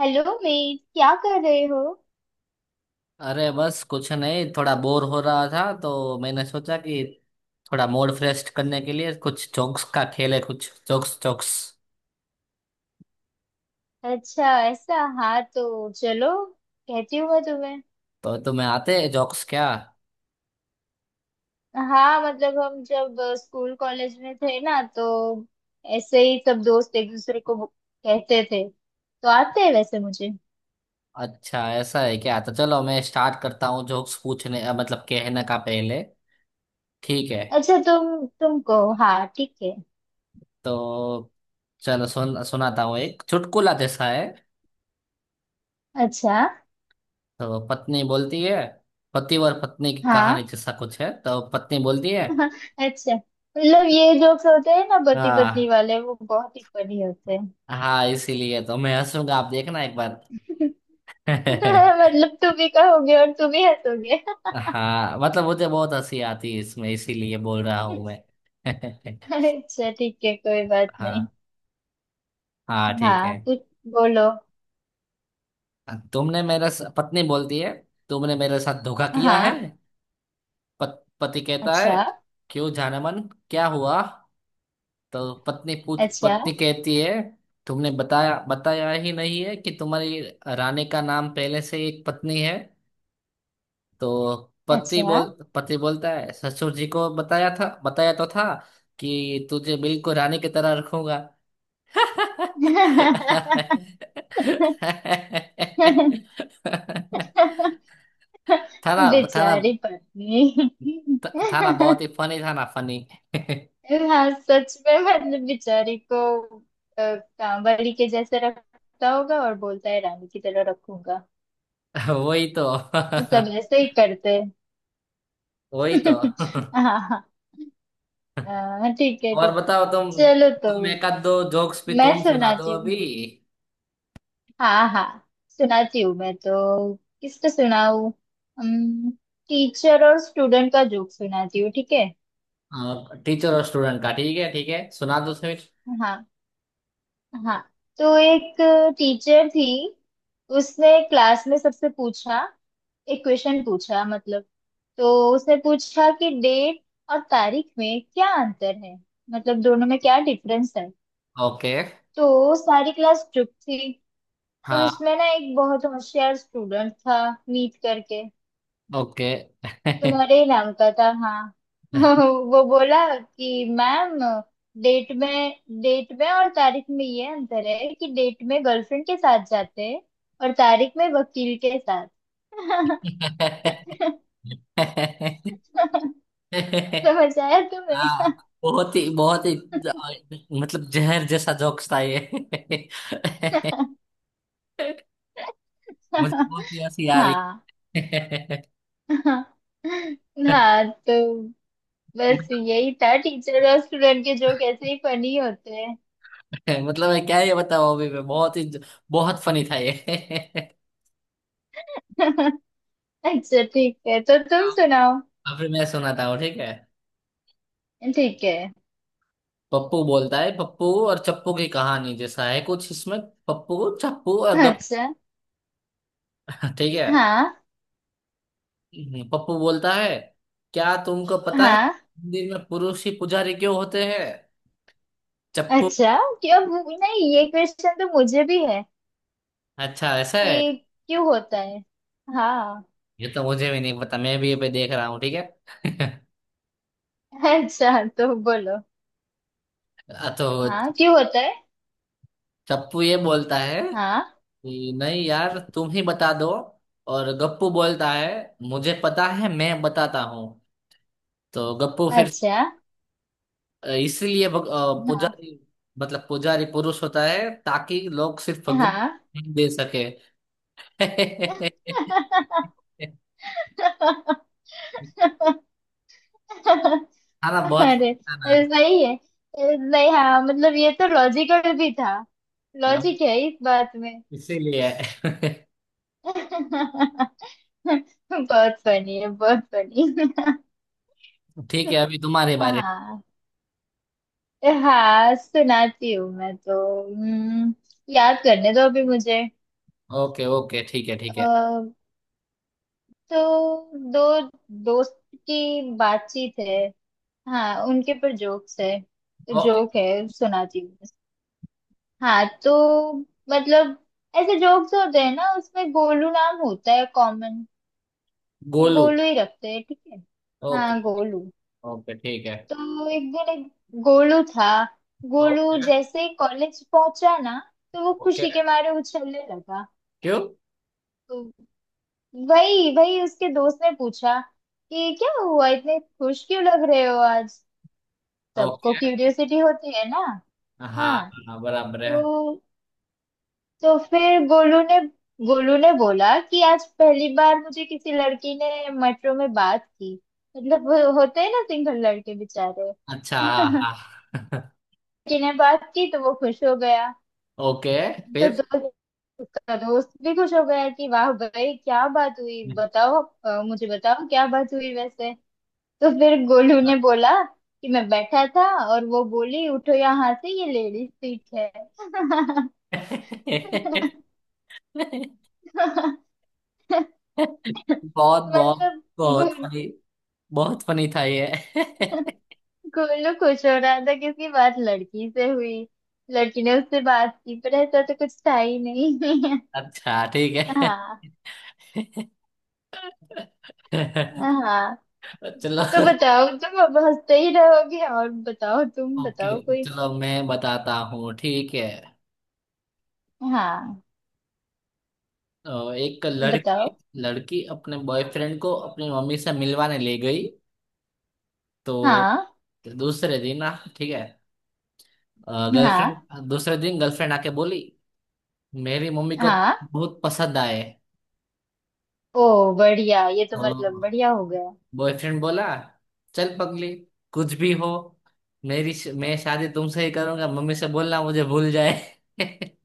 Hello Meet, क्या कर रहे हो। अरे बस कुछ नहीं। थोड़ा बोर हो रहा था तो मैंने सोचा कि थोड़ा मूड फ्रेश करने के लिए कुछ जोक्स का खेल है। कुछ जोक्स जोक्स। अच्छा ऐसा। हाँ तो चलो, कहती हूँ मैं तुम्हें। तो तुम्हें आते हैं जोक्स क्या? हाँ मतलब हम जब स्कूल कॉलेज में थे ना तो ऐसे ही सब दोस्त एक दूसरे को कहते थे, तो आते हैं वैसे मुझे। अच्छा, ऐसा है क्या? तो चलो, मैं स्टार्ट करता हूँ जोक्स पूछने, मतलब कहने का, पहले। ठीक है। अच्छा तुम कहो। हाँ ठीक है। तो चलो सुनाता हूँ एक चुटकुला जैसा है। अच्छा। तो पत्नी बोलती है। पति और पत्नी की कहानी हाँ। जैसा कुछ है। तो पत्नी बोलती है। अच्छा मतलब ये जोक्स होते हैं ना पति पत्नी हाँ। वाले, वो बहुत ही फनी होते हैं। हाँ इसीलिए तो मैं हंसूंगा, आप देखना एक बार। हाँ। मतलब तुम भी कहोगे और तुम ही हंसोगे। मतलब मुझे बहुत हंसी आती है इसमें, इसीलिए बोल रहा हूँ मैं। अच्छा ठीक है, कोई बात नहीं। हाँ। हाँ, ठीक है। हाँ कुछ बोलो। पत्नी बोलती है। तुमने मेरे साथ धोखा किया है। हाँ। पति कहता अच्छा। है, क्यों जानमन? क्या हुआ? तो अच्छा। पत्नी कहती है, तुमने बताया बताया ही नहीं है कि तुम्हारी रानी का नाम पहले से एक पत्नी है। तो पति अच्छा। बोल पति बोलता है, ससुर जी को बताया था, बताया तो था कि तुझे बिल्कुल रानी की तरह रखूंगा। था ना? था ना? बेचारी पत्नी। था ना बहुत ही फनी? था ना फनी? हाँ सच में, मतलब बेचारी को कांवड़ी के जैसे रखता होगा और बोलता है रानी की तरह रखूंगा। वही तो। सब ऐसे ही करते हैं। वही तो। हाँ हाँ। हाँ, ठीक है और ठीक है। बताओ तुम चलो तो तुम एक आध दो जोक्स भी मैं तुम सुना दो सुनाती हूँ। अभी। हाँ हाँ सुनाती हूँ मैं तो। किसका सुनाऊँ। टीचर और स्टूडेंट का जोक सुनाती हूँ, ठीक है। टीचर और स्टूडेंट का? ठीक है, ठीक है, सुना दो फिर। हाँ। हाँ तो एक टीचर थी। उसने क्लास में सबसे पूछा, एक क्वेश्चन पूछा मतलब। तो उसने पूछा कि डेट और तारीख में क्या अंतर है, मतलब दोनों में क्या डिफरेंस है। ओके। तो सारी क्लास चुप थी। फिर हाँ। उसमें ना एक बहुत होशियार स्टूडेंट था, मीत करके, तुम्हारे ही नाम का था। हाँ वो बोला कि मैम, डेट में डेट में और तारीख में ये अंतर है कि डेट में गर्लफ्रेंड के साथ जाते हैं और तारीख में वकील के साथ। ओके। समझ आया तुम्हें। हाँ। बहुत ही, मतलब जहर जैसा जोक्स था ये। मुझे बहुत ही हंसी आ रही। हाँ। हाँ तो बस यही था, टीचर और स्टूडेंट के जोक ऐसे ही फनी होते हैं। मतलब मैं क्या ये बताऊँ? अभी मैं बहुत फनी था ये। अच्छा ठीक है, तो तुम सुनाओ। अभी मैं सुनाता हूँ, ठीक है। ठीक है। पप्पू बोलता है। पप्पू और चप्पू की कहानी जैसा है कुछ इसमें। पप्पू, चप्पू और गप। अच्छा। ठीक है। हाँ। पप्पू बोलता है, क्या तुमको पता है हाँ। मंदिर में पुरुष ही पुजारी क्यों होते हैं? चप्पू। अच्छा क्यों नहीं ये क्वेश्चन तो मुझे भी है अच्छा, ऐसा है। कि क्यों होता है। हाँ। ये तो मुझे भी नहीं पता, मैं भी ये पे देख रहा हूँ, ठीक है। अच्छा तो बोलो। तो हाँ क्यों होता है। चप्पू ये बोलता है हाँ। कि नहीं यार, तुम ही बता दो। और गप्पू बोलता है, मुझे पता है, मैं बताता हूँ। तो गप्पू फिर, अच्छा। इसलिए हाँ। पुजारी, मतलब पुजारी पुरुष होता है ताकि लोग सिर्फ भगवान हाँ। ही दे सके। खाना बहुत अरे खाना, सही है। नहीं हाँ, मतलब ये तो लॉजिकल भी था, लॉजिक है इस बात में। इसीलिए। बहुत फनी है, बहुत फनी। ठीक है, अभी तुम्हारे बारे। हाँ। हाँ सुनाती हूँ मैं तो। हम्म, याद करने दो अभी मुझे। ओके, ओके, ठीक है, ठीक है। अ, तो दो दोस्त की बातचीत है, हाँ उनके पर जोक्स है, ओके। जोक है सुनाती हूँ। हाँ तो मतलब ऐसे जोक्स होते हैं ना उसमें गोलू नाम होता है कॉमन, तो गोलू। गोलू ही रखते हैं, ठीक है। ओके, हाँ गोलू। ओके, ठीक है। तो एक दिन एक गोलू था। गोलू ओके। जैसे ही कॉलेज पहुंचा ना, तो वो ओके। खुशी के मारे उछलने लगा। क्यों? तो वही वही उसके दोस्त ने पूछा कि क्या हुआ, इतने खुश क्यों लग रहे हो आज, सबको ओके। क्यूरियोसिटी होती है ना। हाँ, हाँ। हाँ बराबर है। तो तो फिर गोलू ने बोला कि आज पहली बार मुझे किसी लड़की ने मेट्रो में बात की। मतलब वो होते हैं ना सिंगल लड़के बेचारे। अच्छा। हाँ। लड़की हाँ। ने बात की तो वो खुश हो गया। ओके। तो फिर? दोस्त उसका दोस्त भी खुश हो गया कि वाह भाई क्या बात हुई, बताओ मुझे बताओ क्या बात हुई वैसे। तो फिर गोलू ने बोला कि मैं बैठा था और वो बोली उठो यहाँ से, ये लेडीज सीट है। बहुत, बहुत, मतलब बहुत गो- फनी। बहुत फनी था ये। गोलू खुश हो रहा था कि उसकी बात लड़की से हुई, लड़की ने उससे बात की, पर ऐसा तो कुछ था ही नहीं। अच्छा, ठीक है, हाँ। हाँ चलो। तो बताओ तुम, अब हंसते ही रहोगे। और बताओ तुम, ओके, बताओ कोई। चलो मैं बताता हूँ, ठीक है। हाँ एक बताओ। लड़की लड़की अपने बॉयफ्रेंड को अपनी मम्मी से मिलवाने ले गई। तो हाँ। दूसरे दिन ना, ठीक है। हाँ। गर्लफ्रेंड दूसरे दिन गर्लफ्रेंड आके बोली, मेरी मम्मी को हाँ। बहुत पसंद आए। ओ बढ़िया, ये तो मतलब और बढ़िया हो गया। बॉयफ्रेंड बोला, चल पगली, कुछ भी हो, मेरी मैं शादी तुमसे ही करूंगा, मम्मी से बोलना मुझे भूल जाए।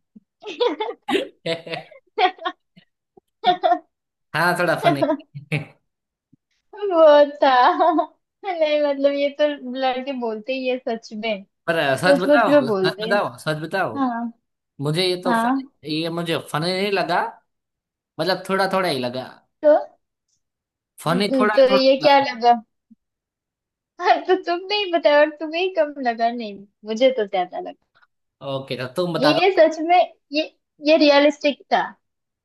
हाँ, थोड़ा फनी। वो था। नहीं मतलब ये तो लड़के बोलते ही है सच में। पर सच सच सच बताओ, में सच बोलते हैं। बताओ, सच बताओ। हाँ। मुझे ये तो फन हाँ ये मुझे फनी नहीं लगा। मतलब थोड़ा थोड़ा ही लगा। तो। फनी थोड़ा तो थोड़ा ये क्या लगा। लगा। तो तुमने ही बताया और तुम्हें ही कम लगा, नहीं मुझे तो ज्यादा लगा। ओके, तो तुम बता दो। ये सच में, ये ये रियलिस्टिक था।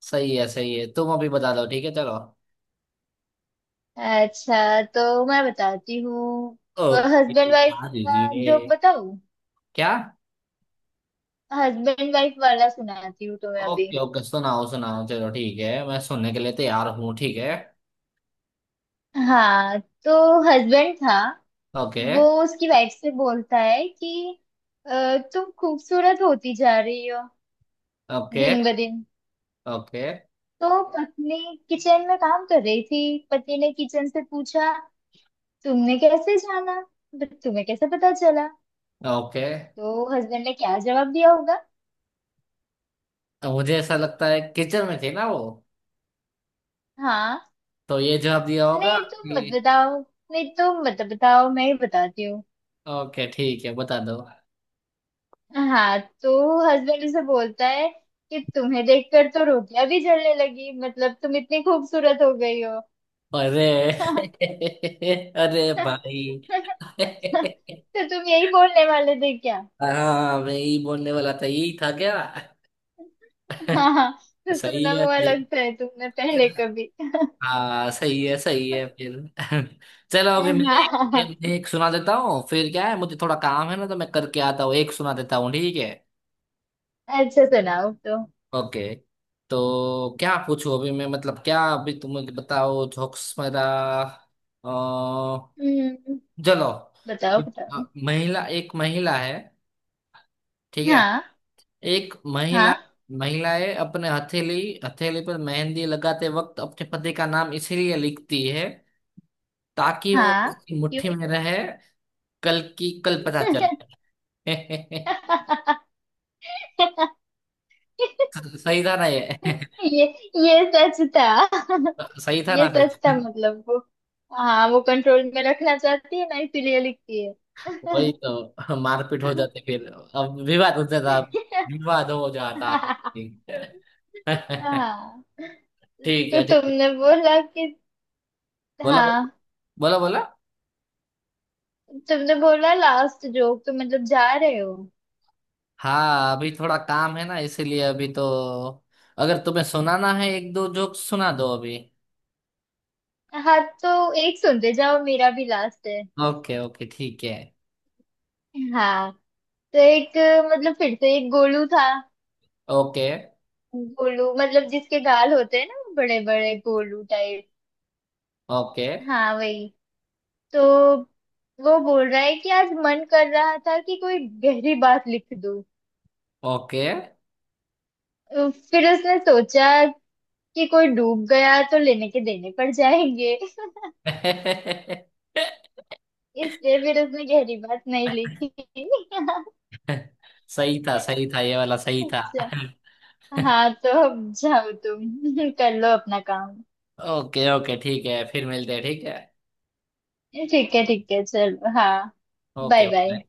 सही है, सही है। तुम अभी बता दो, ठीक है, चलो। अच्छा तो मैं बताती हूँ। ओके। हस्बैंड वाइफ हाँ, का जोक ये बताऊँ। क्या? हस्बैंड वाइफ वाला सुनाती हूँ तुम्हें अभी। ओके, ओके, सुनाओ, सुनाओ, चलो, ठीक है। मैं सुनने के लिए तैयार हूँ, ठीक है। हाँ। तो हस्बैंड था, ओके। वो उसकी वाइफ से बोलता है कि " तुम खूबसूरत होती जा रही हो ओके। दिन ब दिन। ओके। तो पत्नी किचन में काम कर रही थी, पति ने किचन से पूछा, तुमने कैसे जाना, मतलब तुम्हें कैसे पता चला। ओके। तो हस्बैंड ने क्या जवाब दिया होगा। मुझे ऐसा लगता है किचन में थी ना वो, हाँ तो ये जवाब दिया होगा नहीं तुम कि। मत बताओ, नहीं तुम मत बताओ, मैं ही बताती हूँ। ओके, ठीक है, बता दो। हाँ। तो हस्बैंड उसे बोलता है कि तुम्हें देखकर तो रोटियां भी जलने लगी, मतलब तुम इतनी खूबसूरत हो गई हो। अरे। तो अरे भाई। तुम यही बोलने वाले थे क्या। हाँ, मैं यही बोलने वाला था। यही था क्या? हाँ तो सही सुना है, हुआ सही। लगता है तुमने पहले कभी। हाँ, सही है, सही है फिर। चलो अभी मैं एक, हाँ। एक, एक सुना देता हूँ। फिर क्या है, मुझे थोड़ा काम है ना, तो मैं करके आता हूँ, एक सुना देता हूँ, ठीक है। अच्छा सुनाओ तो। ओके। तो क्या पूछूं अभी मैं, मतलब क्या? अभी तुम मुझे बताओ जोक्स मेरा। अ, हम्म, चलो। बताओ अ, बताओ। महिला एक महिला है, ठीक है। हाँ। एक महिला हाँ। महिलाएं अपने हथेली हथेली पर मेहंदी लगाते वक्त अपने पति का नाम इसीलिए लिखती है, ताकि वो हाँ। उसकी क्यों। मुट्ठी में रहे। कल की कल पता चल। सही था ना ये? ये ये सच था। सही था ये ना फिर? सच था मतलब वो, हाँ वो कंट्रोल में रखना चाहती है ना इसीलिए लिखती है। वही तो। मारपीट हो जाती फिर, अब विवाद होता था, विवाद हो जाता। ठीक है। हाँ ठीक तो है, ठीक है, तुमने बोला कि, बोलो, हाँ बोलो, बोलो। तुमने बोला लास्ट जोक, तो मतलब जा रहे हो। हाँ, अभी थोड़ा काम है ना, इसीलिए अभी तो, अगर तुम्हें सुनाना है एक दो जोक, सुना दो अभी। हाँ तो एक सुनते जाओ, मेरा भी लास्ट है। ओके, ओके, ठीक है। हाँ तो एक, मतलब फिर से एक गोलू था। ओके, गोलू मतलब जिसके गाल होते हैं ना बड़े बड़े, गोलू टाइप। ओके, हाँ वही। तो वो बोल रहा है कि आज मन कर रहा था कि कोई गहरी बात लिख दूं। ओके। फिर उसने सोचा कि कोई डूब गया तो लेने के देने पड़ जाएंगे, इसलिए फिर उसने गहरी बात नहीं लिखी। सही था, सही था, ये वाला सही था। अच्छा। हाँ तो अब जाओ तुम कर लो अपना काम। ओके, ओके, ठीक है, फिर मिलते हैं, ठीक है। ठीक है चलो हाँ। Bye okay, bye. बाय।